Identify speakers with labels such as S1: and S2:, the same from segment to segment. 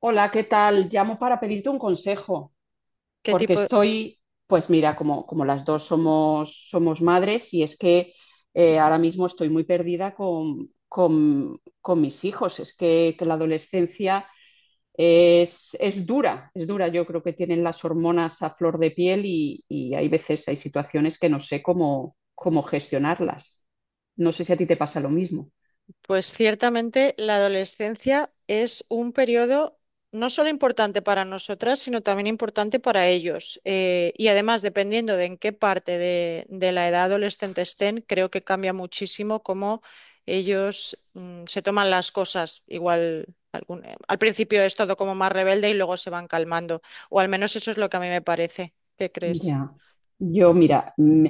S1: Hola, ¿qué tal? Llamo para pedirte un consejo,
S2: ¿Qué
S1: porque
S2: tipo?
S1: estoy, pues mira, como las dos somos madres y es que ahora mismo estoy muy perdida con mis hijos. Es que la adolescencia es dura, es dura. Yo creo que tienen las hormonas a flor de piel y hay veces, hay situaciones que no sé cómo gestionarlas. No sé si a ti te pasa lo mismo.
S2: Pues ciertamente la adolescencia es un periodo no solo importante para nosotras, sino también importante para ellos. Y además, dependiendo de en qué parte de la edad adolescente estén, creo que cambia muchísimo cómo ellos se toman las cosas. Igual al principio es todo como más rebelde y luego se van calmando. O al menos eso es lo que a mí me parece. ¿Qué crees?
S1: Ya, yo mira,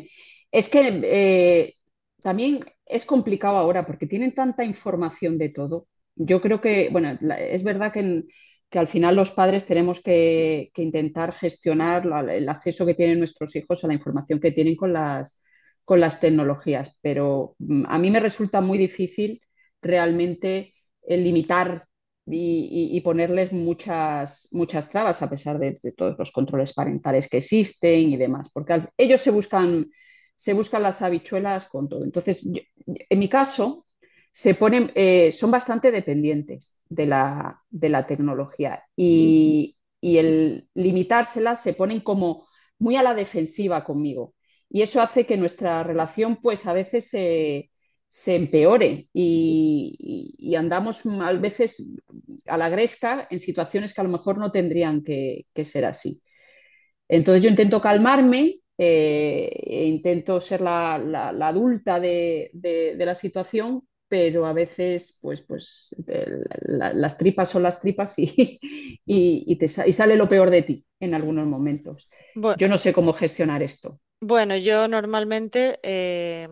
S1: es que también es complicado ahora porque tienen tanta información de todo. Yo creo que, bueno, es verdad que, que al final los padres tenemos que intentar gestionar el acceso que tienen nuestros hijos a la información que tienen con con las tecnologías, pero a mí me resulta muy difícil realmente limitar y ponerles muchas trabas a pesar de todos los controles parentales que existen y demás, porque ellos se buscan las habichuelas con todo. Entonces, en mi caso, se ponen, son bastante dependientes de de la tecnología y el limitársela se ponen como muy a la defensiva conmigo. Y eso hace que nuestra relación, pues a veces se empeore y andamos a veces a la gresca en situaciones que a lo mejor no tendrían que ser así. Entonces yo intento calmarme, e intento ser la adulta de la situación, pero a veces pues, pues las tripas son las tripas y, sale lo peor de ti en algunos momentos.
S2: Bueno.
S1: Yo no sé cómo gestionar esto.
S2: Bueno, yo normalmente,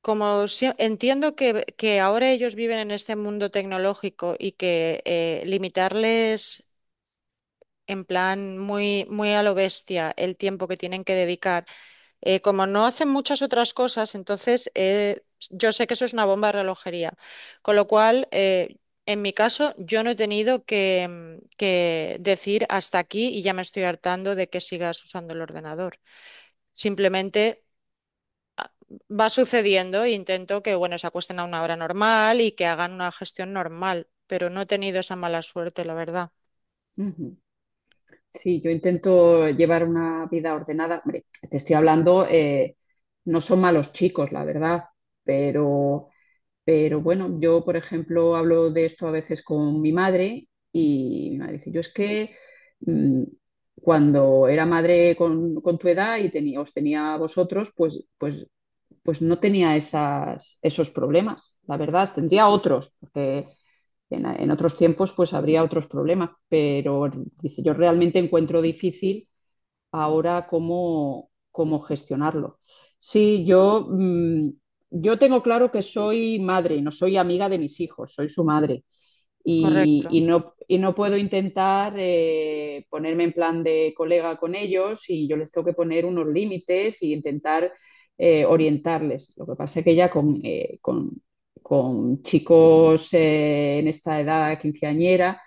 S2: entiendo que ahora ellos viven en este mundo tecnológico y que limitarles en plan muy, muy a lo bestia el tiempo que tienen que dedicar, como no hacen muchas otras cosas, entonces yo sé que eso es una bomba de relojería. Con lo cual, en mi caso, yo no he tenido que decir hasta aquí y ya me estoy hartando de que sigas usando el ordenador. Simplemente va sucediendo, e intento que, bueno, se acuesten a una hora normal y que hagan una gestión normal, pero no he tenido esa mala suerte, la verdad.
S1: Uh -huh. Sí, yo intento llevar una vida ordenada. Hombre, te estoy hablando, no son malos chicos, la verdad, pero Pero bueno, yo, por ejemplo, hablo de esto a veces con mi madre y mi madre dice, yo es que mm, cuando era madre con tu edad y tenía, os tenía a vosotros, pues no tenía esas, esos problemas. La verdad, tendría otros, porque en otros tiempos pues habría otros problemas, pero dice, yo realmente encuentro difícil ahora cómo, cómo gestionarlo. Sí, yo, yo tengo claro que soy madre, no soy amiga de mis hijos, soy su madre
S2: Correcto.
S1: y no puedo intentar ponerme en plan de colega con ellos y yo les tengo que poner unos límites y intentar orientarles. Lo que pasa es que ya con, con chicos en esta edad quinceañera,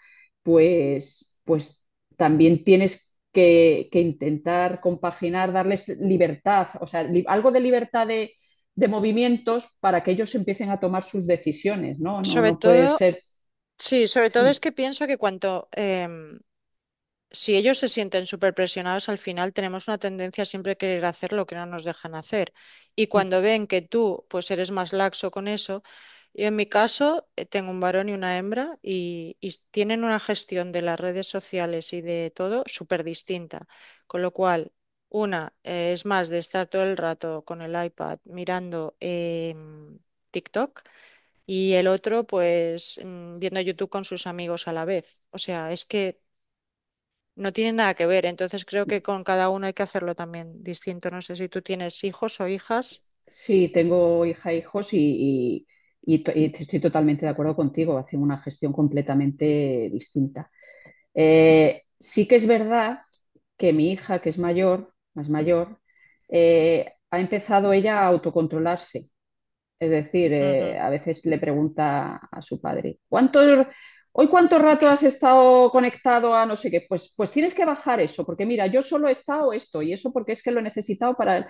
S1: pues también tienes que intentar compaginar, darles libertad, o sea, li algo de libertad de movimientos para que ellos empiecen a tomar sus decisiones, ¿no? No,
S2: Sobre
S1: no puede
S2: todo,
S1: ser.
S2: sí, sobre todo es
S1: Sí.
S2: que pienso que cuanto, si ellos se sienten súper presionados, al final tenemos una tendencia a siempre querer hacer lo que no nos dejan hacer. Y cuando ven que tú, pues eres más laxo con eso, yo en mi caso tengo un varón y una hembra y, tienen una gestión de las redes sociales y de todo súper distinta. Con lo cual, una es más de estar todo el rato con el iPad mirando TikTok y el otro, pues viendo YouTube con sus amigos a la vez. O sea, es que no tiene nada que ver, entonces creo que con cada uno hay que hacerlo también distinto. ¿No sé si tú tienes hijos o hijas?
S1: Sí, tengo hija e hijos y, y estoy totalmente de acuerdo contigo, hacen una gestión completamente distinta. Sí que es verdad que mi hija, que es mayor, más mayor, ha empezado ella a autocontrolarse. Es decir,
S2: Ujú.
S1: a veces le pregunta a su padre, ¿cuánto, hoy cuánto rato has estado conectado a no sé qué? Pues, pues tienes que bajar eso, porque mira, yo solo he estado esto y eso porque es que lo he necesitado para.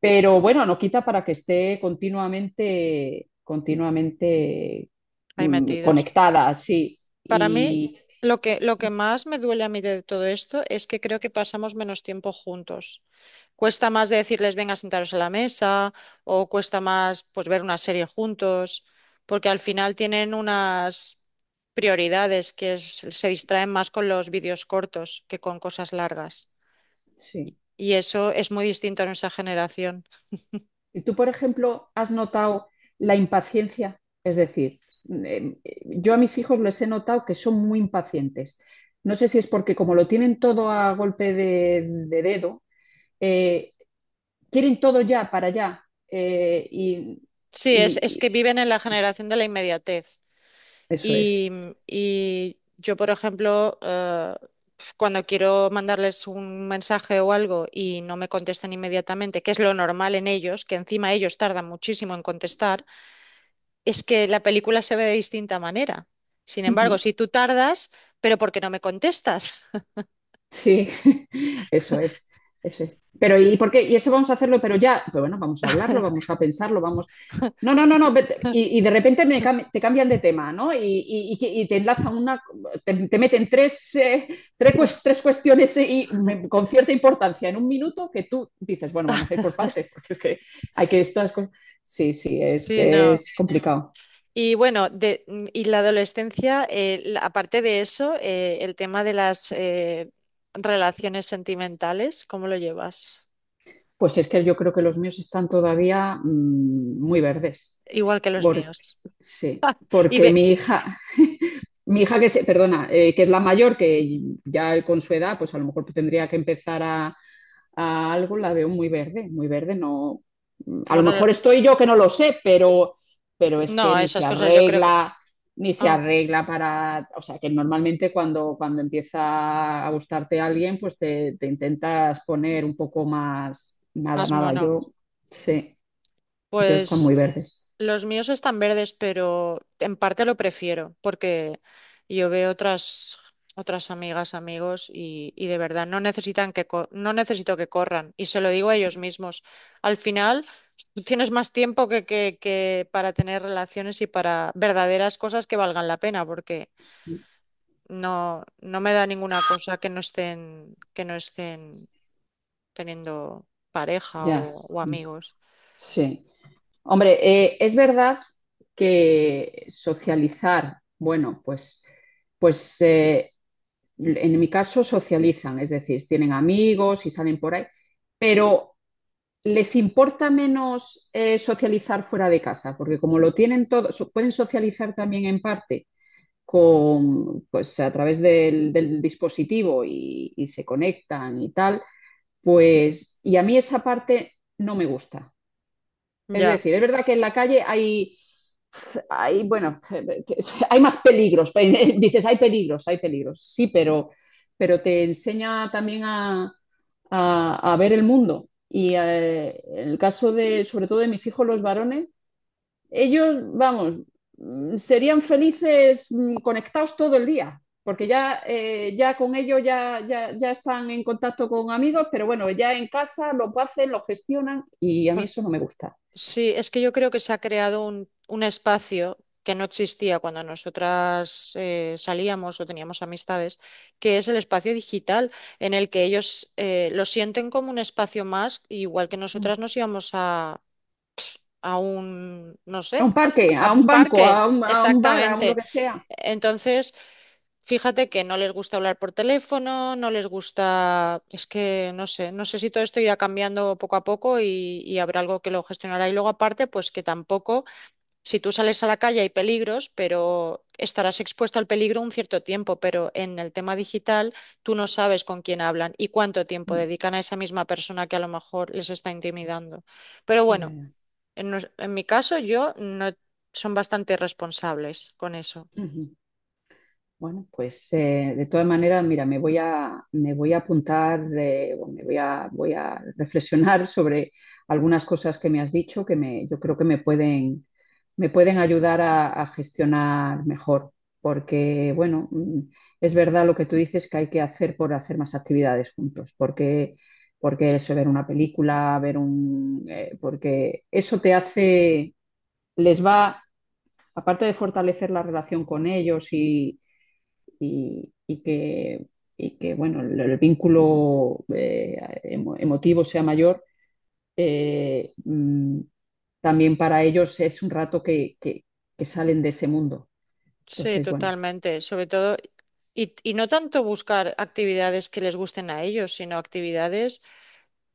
S1: Pero bueno, no quita para que esté continuamente, continuamente
S2: Ahí metidos.
S1: conectada, sí.
S2: Para mí,
S1: Y,
S2: lo que más me duele a mí de todo esto es que creo que pasamos menos tiempo juntos. Cuesta más de decirles, venga, sentaros a la mesa, o cuesta más pues ver una serie juntos, porque al final tienen unas prioridades se distraen más con los vídeos cortos que con cosas largas.
S1: sí.
S2: Y eso es muy distinto a nuestra generación.
S1: ¿Y tú, por ejemplo, has notado la impaciencia? Es decir, eh, yo a mis hijos les he notado que son muy impacientes. No sé si es porque como lo tienen todo a golpe de dedo, eh, quieren todo ya para allá. eh, y,
S2: Sí, es
S1: y-
S2: que
S1: y-
S2: viven en la generación de la inmediatez.
S1: eso
S2: Y,
S1: es.
S2: mm, y yo, por ejemplo, cuando quiero mandarles un mensaje o algo y no me contestan inmediatamente, que es lo normal en ellos, que encima ellos tardan muchísimo en contestar, es que la película se ve de distinta manera. Sin embargo, si tú tardas, pero ¿por qué no me contestas?
S1: Sí, eso es, eso es. Pero, ¿y por qué? Y esto vamos a hacerlo, pero ya, pero bueno, vamos a hablarlo, vamos a pensarlo, vamos. No, no, no, no. Y de repente me cam- te cambian de tema, ¿no? Y y te enlazan una, te meten tres, tres cuestiones con cierta importancia en un minuto que tú dices, bueno, vamos a ir por partes, porque es que hay que estas cosas. Sí, sí,
S2: Sí, no.
S1: es complicado.
S2: Y bueno, y la adolescencia, aparte de eso, el tema de las relaciones sentimentales, ¿cómo lo llevas?
S1: Pues es que yo creo que los míos están todavía muy verdes.
S2: Igual que los
S1: Porque,
S2: míos.
S1: sí,
S2: Y
S1: porque
S2: ve,
S1: mi hija que se, perdona, que es la mayor, que ya con su edad, pues a lo mejor tendría que empezar a algo la veo muy verde, no. A lo
S2: bueno,
S1: mejor estoy yo que no lo sé, pero es que
S2: no,
S1: ni se
S2: esas cosas yo creo que…
S1: arregla, ni se
S2: Ah,
S1: arregla para. O sea, que normalmente cuando, cuando empieza a gustarte alguien, pues te intentas poner un poco más. Nada,
S2: más
S1: nada,
S2: mono.
S1: yo sí, yo está muy
S2: Pues
S1: verde.
S2: los míos están verdes, pero en parte lo prefiero porque yo veo otras amigas, amigos y, de verdad no necesitan no necesito que corran y se lo digo a ellos mismos. Al final tú tienes más tiempo que para tener relaciones y para verdaderas cosas que valgan la pena porque no, no me da ninguna cosa que no estén, teniendo pareja
S1: Ya,
S2: o amigos.
S1: sí. Hombre, es verdad que socializar, bueno, pues en mi caso, socializan, es decir, tienen amigos y salen por ahí, pero les importa menos socializar fuera de casa, porque como lo tienen todo, so, pueden socializar también en parte con, pues, a través del dispositivo y, se conectan y tal, pues, y a mí esa parte no me gusta. Es
S2: Ya.
S1: decir, es verdad que en la calle hay, hay bueno, hay más peligros. Dices, hay peligros, hay peligros. Sí, pero te enseña también a, a ver el mundo. Y en el caso de, sobre todo de mis hijos, los varones, ellos, vamos, serían felices conectados todo el día, porque ya, ya con ellos ya están en contacto con amigos, pero bueno, ya en casa lo hacen, lo gestionan y a mí eso no me gusta.
S2: Sí, es que yo creo que se ha creado un espacio que no existía cuando nosotras salíamos o teníamos amistades, que es el espacio digital, en el que ellos lo sienten como un espacio más, igual que nosotras
S1: Mm.
S2: nos íbamos a, no
S1: A
S2: sé,
S1: un parque, a
S2: a
S1: un
S2: un
S1: banco,
S2: parque.
S1: a un bar, a un lo
S2: Exactamente.
S1: que sea.
S2: Entonces, fíjate que no les gusta hablar por teléfono, no les gusta, es que no sé, no sé si todo esto irá cambiando poco a poco y habrá algo que lo gestionará. Y luego aparte, pues que tampoco, si tú sales a la calle hay peligros, pero estarás expuesto al peligro un cierto tiempo, pero en el tema digital tú no sabes con quién hablan y cuánto tiempo
S1: Mm.
S2: dedican a esa misma persona que a lo mejor les está intimidando. Pero
S1: Ya,
S2: bueno,
S1: ya.
S2: en mi caso yo no, son bastante responsables con eso.
S1: Ujú. Bueno, pues de todas maneras, mira, me voy a apuntar, o me voy a, voy a reflexionar sobre algunas cosas que me has dicho que me, yo creo que me pueden ayudar a gestionar mejor, porque bueno, es verdad lo que tú dices que hay que hacer por hacer más actividades juntos, porque, porque eso, ver una película, ver un, porque eso te hace, les va aparte de fortalecer la relación con ellos y y, y que, y que, bueno, el vínculo emotivo sea mayor, eh, mm, también para ellos es un rato que salen de ese mundo.
S2: Sí,
S1: Entonces, bueno.
S2: totalmente. Sobre todo. Y no tanto buscar actividades que les gusten a ellos, sino actividades,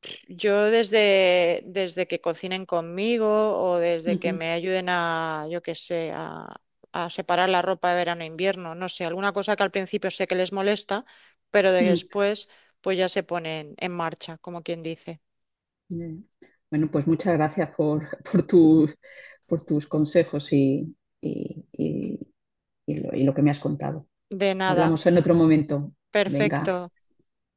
S2: pff, yo desde que cocinen conmigo o desde que
S1: Ujú,
S2: me ayuden a, yo qué sé, a separar la ropa de verano e invierno, no sé, alguna cosa que al principio sé que les molesta, pero de
S1: ujú.
S2: después pues ya se ponen en marcha, como quien dice.
S1: Bien. Bueno, pues muchas gracias por, por tus consejos y, y- y- y lo que me has contado.
S2: De nada,
S1: Hablamos en otro momento. Venga.
S2: perfecto.